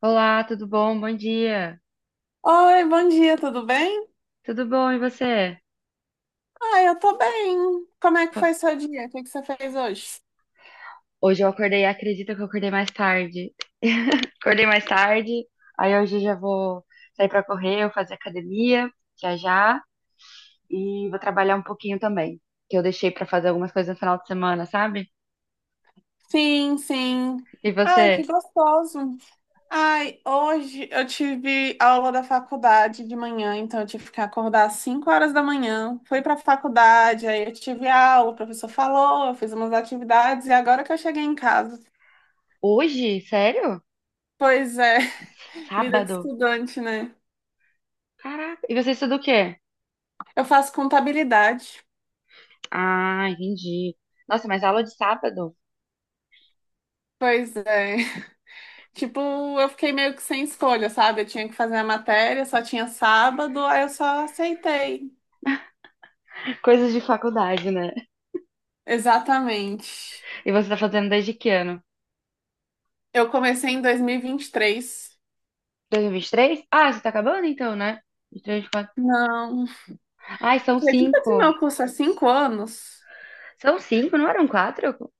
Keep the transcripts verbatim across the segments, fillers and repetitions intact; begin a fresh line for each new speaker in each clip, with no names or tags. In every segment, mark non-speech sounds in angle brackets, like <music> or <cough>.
Olá, tudo bom? Bom dia.
Oi, bom dia, tudo bem?
Tudo bom, e você?
Ah, eu tô bem. Como é que foi seu dia? O que que você fez hoje?
Hoje eu acordei, acredita que eu acordei mais tarde. Acordei mais tarde, aí hoje eu já vou sair pra correr, eu fazer academia, já já, e vou trabalhar um pouquinho também, que eu deixei pra fazer algumas coisas no final de semana, sabe?
Sim, sim.
E
Ai, que
você?
gostoso. Ai, hoje eu tive aula da faculdade de manhã, então eu tive que acordar às cinco horas da manhã. Fui pra faculdade, aí eu tive aula, o professor falou, eu fiz umas atividades e agora que eu cheguei em casa.
Hoje? Sério?
Pois é, <laughs> vida de
Sábado?
estudante, né?
Caraca, e você estuda o quê?
Eu faço contabilidade.
Ah, entendi. Nossa, mas aula de sábado?
Pois é. Tipo, eu fiquei meio que sem escolha, sabe? Eu tinha que fazer a matéria, só tinha sábado, aí eu só aceitei.
Coisas de faculdade, né?
Exatamente.
E você tá fazendo desde que ano?
Eu comecei em dois mil e e vinte e três.
dois, mil e vinte e três. Ah, você tá acabando então, né? vinte e três, quatro.
Não.
Ai, são
Acredita que
cinco.
meu curso é cinco anos?
São cinco, não eram quatro? Eu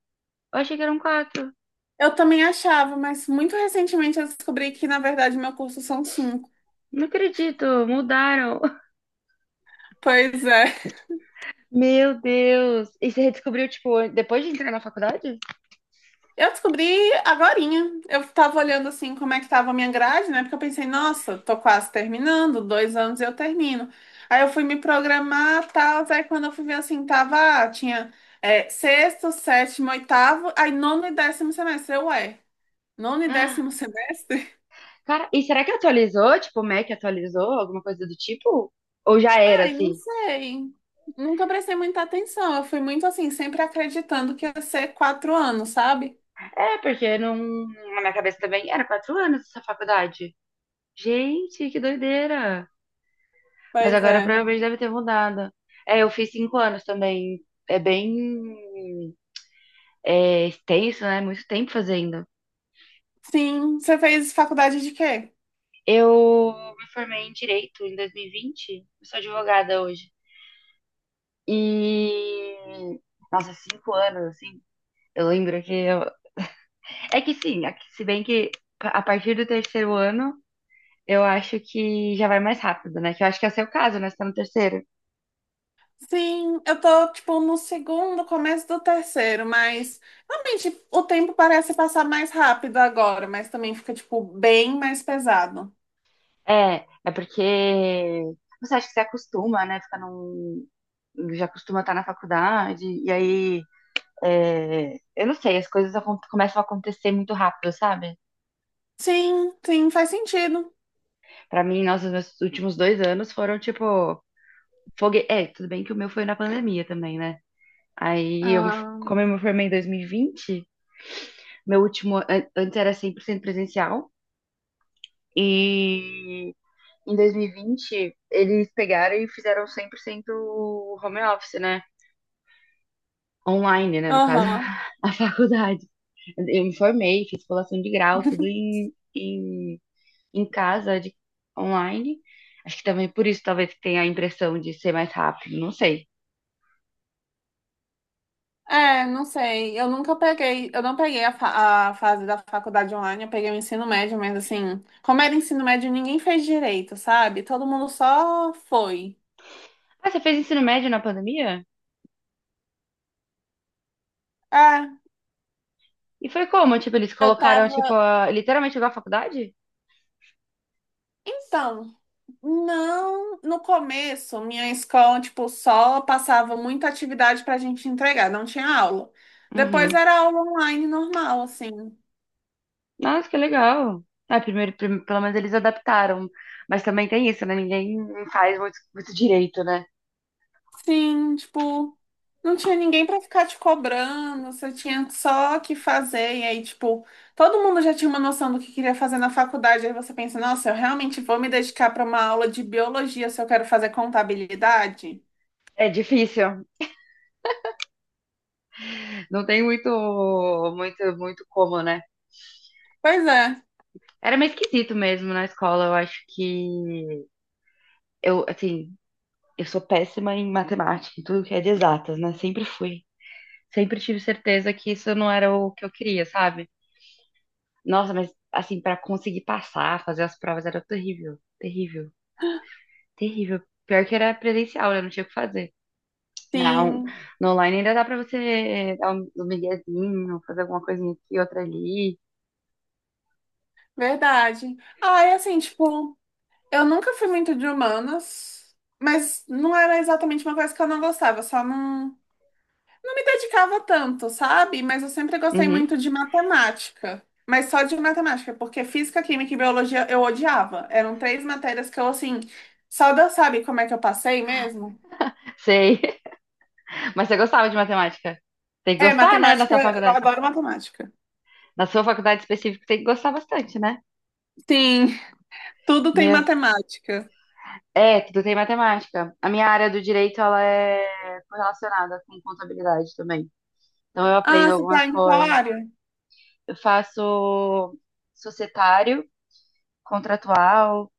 achei que eram quatro.
Eu também achava, mas muito recentemente eu descobri que, na verdade, meu curso são cinco.
Não acredito, mudaram. <laughs>
Pois é.
Meu Deus. E você descobriu, tipo, depois de entrar na faculdade? <gasps>
Eu descobri agorinha. Eu tava olhando assim como é que tava a minha grade, né? Porque eu pensei, nossa, tô quase terminando, dois anos eu termino. Aí eu fui me programar, tal, aí quando eu fui ver assim, tava, ah, tinha é, sexto, sétimo, oitavo, aí nono e décimo semestre. Eu, ué, nono e
Ah,
décimo semestre?
cara, e será que atualizou? Tipo, o Mac atualizou? Alguma coisa do tipo? Ou já
<laughs>
era
Ai, não
assim?
sei. Nunca prestei muita atenção. Eu fui muito assim, sempre acreditando que ia ser quatro anos, sabe?
É, porque não... na minha cabeça também era quatro anos essa faculdade. Gente, que doideira. Mas
Pois
agora
é.
provavelmente deve ter mudado. É, eu fiz cinco anos também. É bem, é, extenso, né? Muito tempo fazendo.
Sim, você fez faculdade de quê?
Eu me formei em direito em dois mil e vinte. Eu sou advogada hoje. E. Nossa, cinco anos, assim. Eu lembro que. Eu... É que sim, é que se bem que a partir do terceiro ano, eu acho que já vai mais rápido, né? Que eu acho que é o seu caso, né? Você tá no terceiro.
Sim, eu tô, tipo, no segundo, começo do terceiro, mas realmente o tempo parece passar mais rápido agora, mas também fica, tipo, bem mais pesado.
É, é porque você acha que você acostuma, né? Fica num. Já costuma estar na faculdade, e aí. É, eu não sei, as coisas acon- começam a acontecer muito rápido, sabe?
Sim, sim, faz sentido.
Pra mim, nossa, os meus últimos dois anos foram tipo. Fogue... É, tudo bem que o meu foi na pandemia também, né? Aí, eu me,
Ah,
como eu me formei em dois mil e vinte, meu último. an- Antes era cem por cento presencial, e em dois mil e vinte eles pegaram e fizeram cem por cento home office, né? Online, né? No caso,
aham.
<laughs> a faculdade. Eu me formei, fiz colação de grau, tudo em, em, em casa, de, online. Acho que também por isso talvez tenha a impressão de ser mais rápido, não sei.
É, não sei, eu nunca peguei, eu não peguei a, fa- a fase da faculdade online, eu peguei o ensino médio, mas assim, como era ensino médio, ninguém fez direito, sabe? Todo mundo só foi.
Ah, você fez ensino médio na pandemia?
É,
E foi como? Tipo, eles
eu
colocaram, tipo,
tava.
a- literalmente igual a faculdade?
Então. Não, no começo, minha escola, tipo, só passava muita atividade pra gente entregar, não tinha aula.
Uhum.
Depois era aula online normal, assim.
Nossa, que legal. Ah, primeiro, prim- pelo menos eles adaptaram. Mas também tem isso, né? Ninguém faz muito, muito direito, né?
Sim, tipo, não tinha ninguém pra ficar te cobrando, você tinha só que fazer. E aí, tipo, todo mundo já tinha uma noção do que queria fazer na faculdade. Aí você pensa, nossa, eu realmente vou me dedicar pra uma aula de biologia se eu quero fazer contabilidade?
É difícil. Não tem muito, muito, muito como, né?
Pois é,
Era meio esquisito mesmo na escola. Eu acho que eu, assim, eu sou péssima em matemática, em tudo que é de exatas, né? Sempre fui. Sempre tive certeza que isso não era o que eu queria, sabe? Nossa, mas assim, pra conseguir passar, fazer as provas era terrível, terrível, terrível. Pior que era presencial, né? Não tinha o que fazer. Não,
sim,
no online ainda dá pra você dar um, um miguezinho, fazer alguma coisinha aqui, outra ali.
verdade. Ah, é assim, tipo. Eu nunca fui muito de humanas, mas não era exatamente uma coisa que eu não gostava, só não, não me dedicava tanto, sabe? Mas eu sempre gostei
Uhum,
muito de matemática, mas só de matemática, porque física, química e biologia eu odiava. Eram três matérias que eu, assim, só Deus sabe como é que eu passei mesmo.
sei. <laughs> Mas você gostava de matemática? Tem que
É,
gostar, né, da
matemática,
sua
eu
faculdade?
adoro matemática.
Na sua faculdade específica tem que gostar bastante, né?
Sim, tudo tem
Meu.
matemática.
É, tudo tem matemática. A minha área do direito, ela é correlacionada com contabilidade também. Então eu
Ah,
aprendo
você
algumas
tá em qual
coisas.
área?
Eu faço societário, contratual,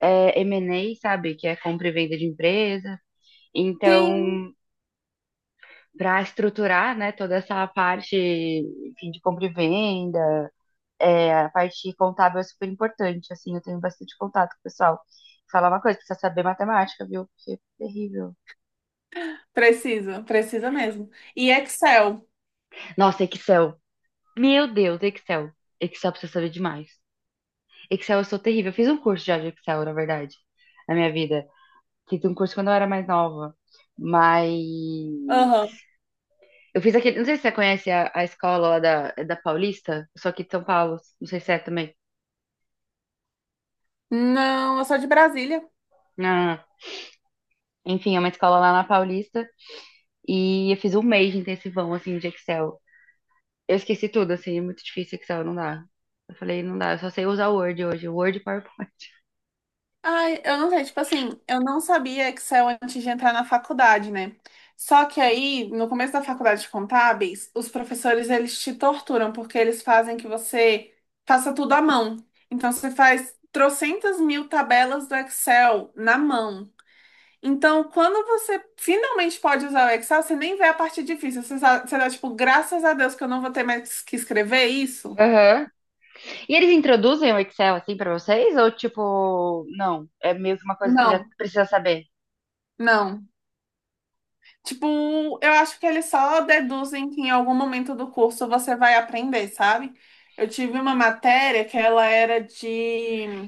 é, M e A, sabe? Que é compra e venda de empresa.
Sim,
Então, para estruturar, né, toda essa parte, enfim, de compra e venda. É, a parte contábil é super importante, assim, eu tenho bastante contato com o pessoal. Falar uma coisa, precisa saber matemática, viu? Porque é terrível.
precisa, precisa mesmo. E Excel.
Nossa, Excel. Meu Deus, Excel. Excel precisa saber demais. Excel eu sou terrível. Eu fiz um curso já de Excel, na verdade, na minha vida. Fiz um curso quando eu era mais nova. Mas eu fiz aquele. Não sei se você conhece a, a escola lá da, da Paulista, eu sou aqui de São Paulo. Não sei se é também.
Não, eu sou de Brasília.
Não, não, não. Enfim, é uma escola lá na Paulista. E eu fiz um mês de intensivão, assim, de Excel. Eu esqueci tudo, assim, é muito difícil Excel, não dá. Eu falei, não dá, eu só sei usar Word hoje, Word e PowerPoint.
Ai, eu não sei, tipo assim, eu não sabia Excel antes de entrar na faculdade, né? Só que aí, no começo da faculdade de contábeis, os professores, eles te torturam, porque eles fazem que você faça tudo à mão. Então, você faz trocentas mil tabelas do Excel na mão. Então, quando você finalmente pode usar o Excel, você nem vê a parte difícil. Você, sa- você dá, tipo, graças a Deus que eu não vou ter mais que escrever isso.
Aham. E eles introduzem o Excel, assim, pra vocês? Ou, tipo, não, é meio que uma coisa que você já
Não,
precisa saber?
não. Tipo, eu acho que eles só deduzem que em algum momento do curso você vai aprender, sabe? Eu tive uma matéria que ela era de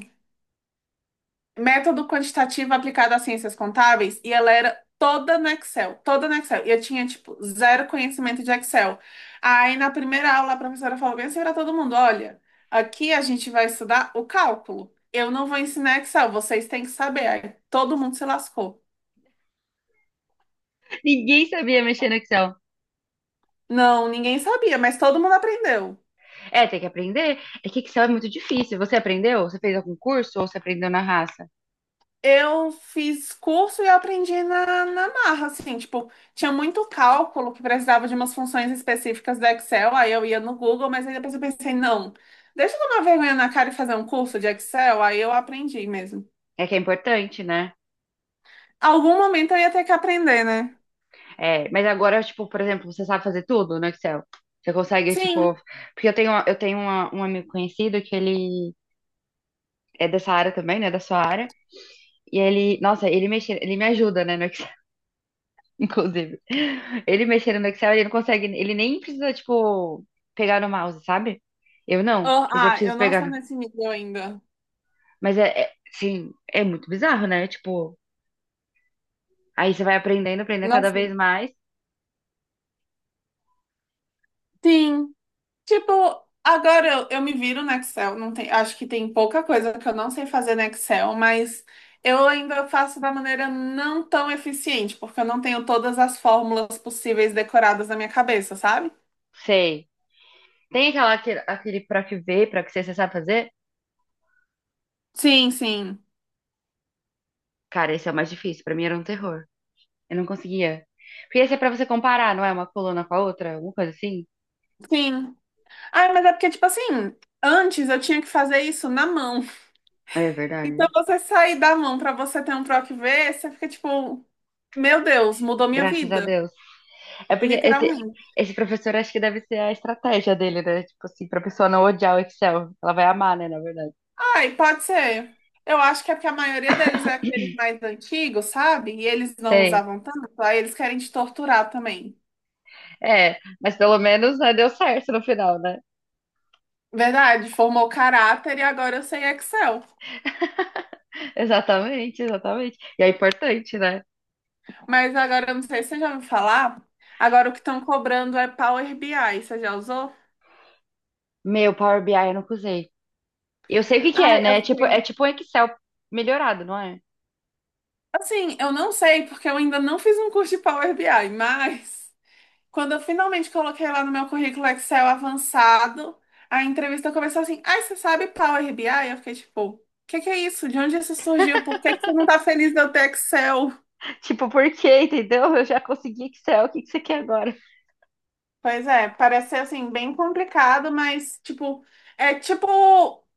método quantitativo aplicado às ciências contábeis e ela era toda no Excel, toda no Excel. E eu tinha, tipo, zero conhecimento de Excel. Aí na primeira aula a professora falou bem assim pra todo mundo: olha, aqui a gente vai estudar o cálculo. Eu não vou ensinar Excel, vocês têm que saber. Aí todo mundo se lascou.
<laughs> Ninguém sabia mexer no Excel.
Não, ninguém sabia, mas todo mundo aprendeu.
É, tem que aprender. É que Excel é muito difícil. Você aprendeu? Você fez algum curso ou você aprendeu na raça?
Eu fiz curso e eu aprendi na, na marra, assim, tipo, tinha muito cálculo que precisava de umas funções específicas do Excel, aí eu ia no Google, mas aí depois eu pensei, não, deixa eu tomar vergonha na cara e fazer um curso de Excel, aí eu aprendi mesmo.
É que é importante, né?
Algum momento eu ia ter que aprender, né?
É, mas agora, tipo, por exemplo, você sabe fazer tudo no Excel? Você consegue, tipo...
Sim.
Porque eu tenho, eu tenho uma- um amigo conhecido que ele é dessa área também, né, da sua área. E ele, nossa, ele mexer, ele me ajuda, né, no Excel, <laughs> inclusive. Ele mexendo no Excel, ele não consegue, ele nem precisa, tipo, pegar no mouse, sabe? Eu não,
Ah,
eu já
ah, eu
preciso
não
pegar.
sou
no-
nesse nível ainda.
Mas é, é sim, é muito bizarro, né? Tipo, aí você vai aprendendo, aprendendo cada
Nossa,
vez mais.
sim. Tipo, agora eu, eu me viro no Excel. Não tem, acho que tem pouca coisa que eu não sei fazer no Excel, mas eu ainda faço da maneira não tão eficiente, porque eu não tenho todas as fórmulas possíveis decoradas na minha cabeça, sabe?
Sei. Tem aquela, aquele, aquele pra que ver, pra que ser, você sabe fazer?
Sim, sim,
Cara, esse é o mais difícil, pra mim era um terror. Eu não conseguia. Porque esse é pra você comparar, não é? Uma coluna com a outra, alguma coisa assim.
sim. Ai, mas é porque, tipo assim, antes eu tinha que fazer isso na mão.
É
Então
verdade.
você sair da mão pra você ter um troco e ver, você fica tipo, meu Deus, mudou minha
Graças a
vida.
Deus. É porque esse,
Literalmente.
esse professor acho que deve ser a estratégia dele, né? Tipo assim, pra pessoa não odiar o Excel. Ela vai amar, né, na verdade.
Ai, pode ser. Eu acho que é porque a maioria deles é aqueles mais antigos, sabe? E eles não
Sei.
usavam tanto, aí eles querem te torturar também.
É, mas pelo menos, né, deu certo no final, né?
Verdade, formou caráter e agora eu sei Excel.
<laughs> Exatamente, exatamente. E é importante, né?
Mas agora eu não sei se você já ouviu falar. Agora o que estão cobrando é Power B I. Você já usou?
Meu, Power B I eu nunca usei. Eu sei o que que é,
Ai, eu
né? Tipo, é
fiquei.
tipo um Excel melhorado, não é?
Assim, eu não sei, porque eu ainda não fiz um curso de Power B I, mas quando eu finalmente coloquei lá no meu currículo Excel avançado, a entrevista começou assim: ai, você sabe Power B I? Eu fiquei tipo, o que que é isso? De onde isso surgiu? Por que que você não
<laughs>
tá feliz de eu ter Excel?
Tipo, por quê, entendeu? Eu já consegui Excel, o que que você quer agora?
Pois é, parece ser assim, bem complicado, mas tipo, é tipo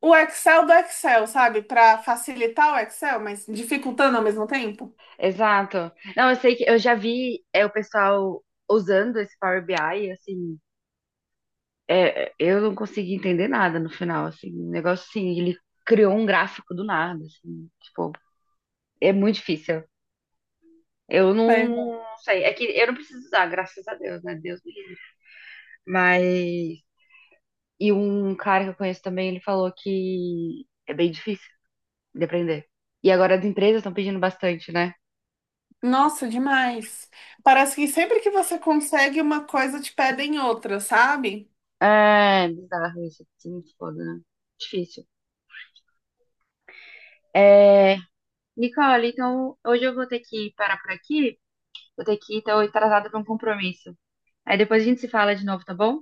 o Excel do Excel, sabe? Para facilitar o Excel, mas dificultando ao mesmo tempo.
Exato. Não, eu sei que eu já vi é, o pessoal usando esse Power B I, assim, é, é, eu não consegui entender nada no final, assim, o negócio assim, ele criou um gráfico do nada, assim, tipo, é muito difícil. Eu não,
Pois é.
não sei, é que eu não preciso usar, graças a Deus, né? Deus me livre. Mas, e um cara que eu conheço também, ele falou que é bem difícil de aprender. E agora as empresas estão pedindo bastante, né?
Nossa, demais. Parece que sempre que você consegue uma coisa, te pedem outra, sabe?
É, bizarro isso, assim, foda, né? Difícil. É, Nicole, então hoje eu vou ter que parar por aqui. Vou ter que então, ir, tô atrasada para um compromisso. Aí depois a gente se fala de novo, tá bom?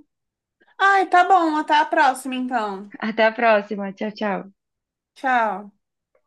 Ai, tá bom, até a próxima então.
<laughs> Até a próxima. Tchau, tchau.
Tchau.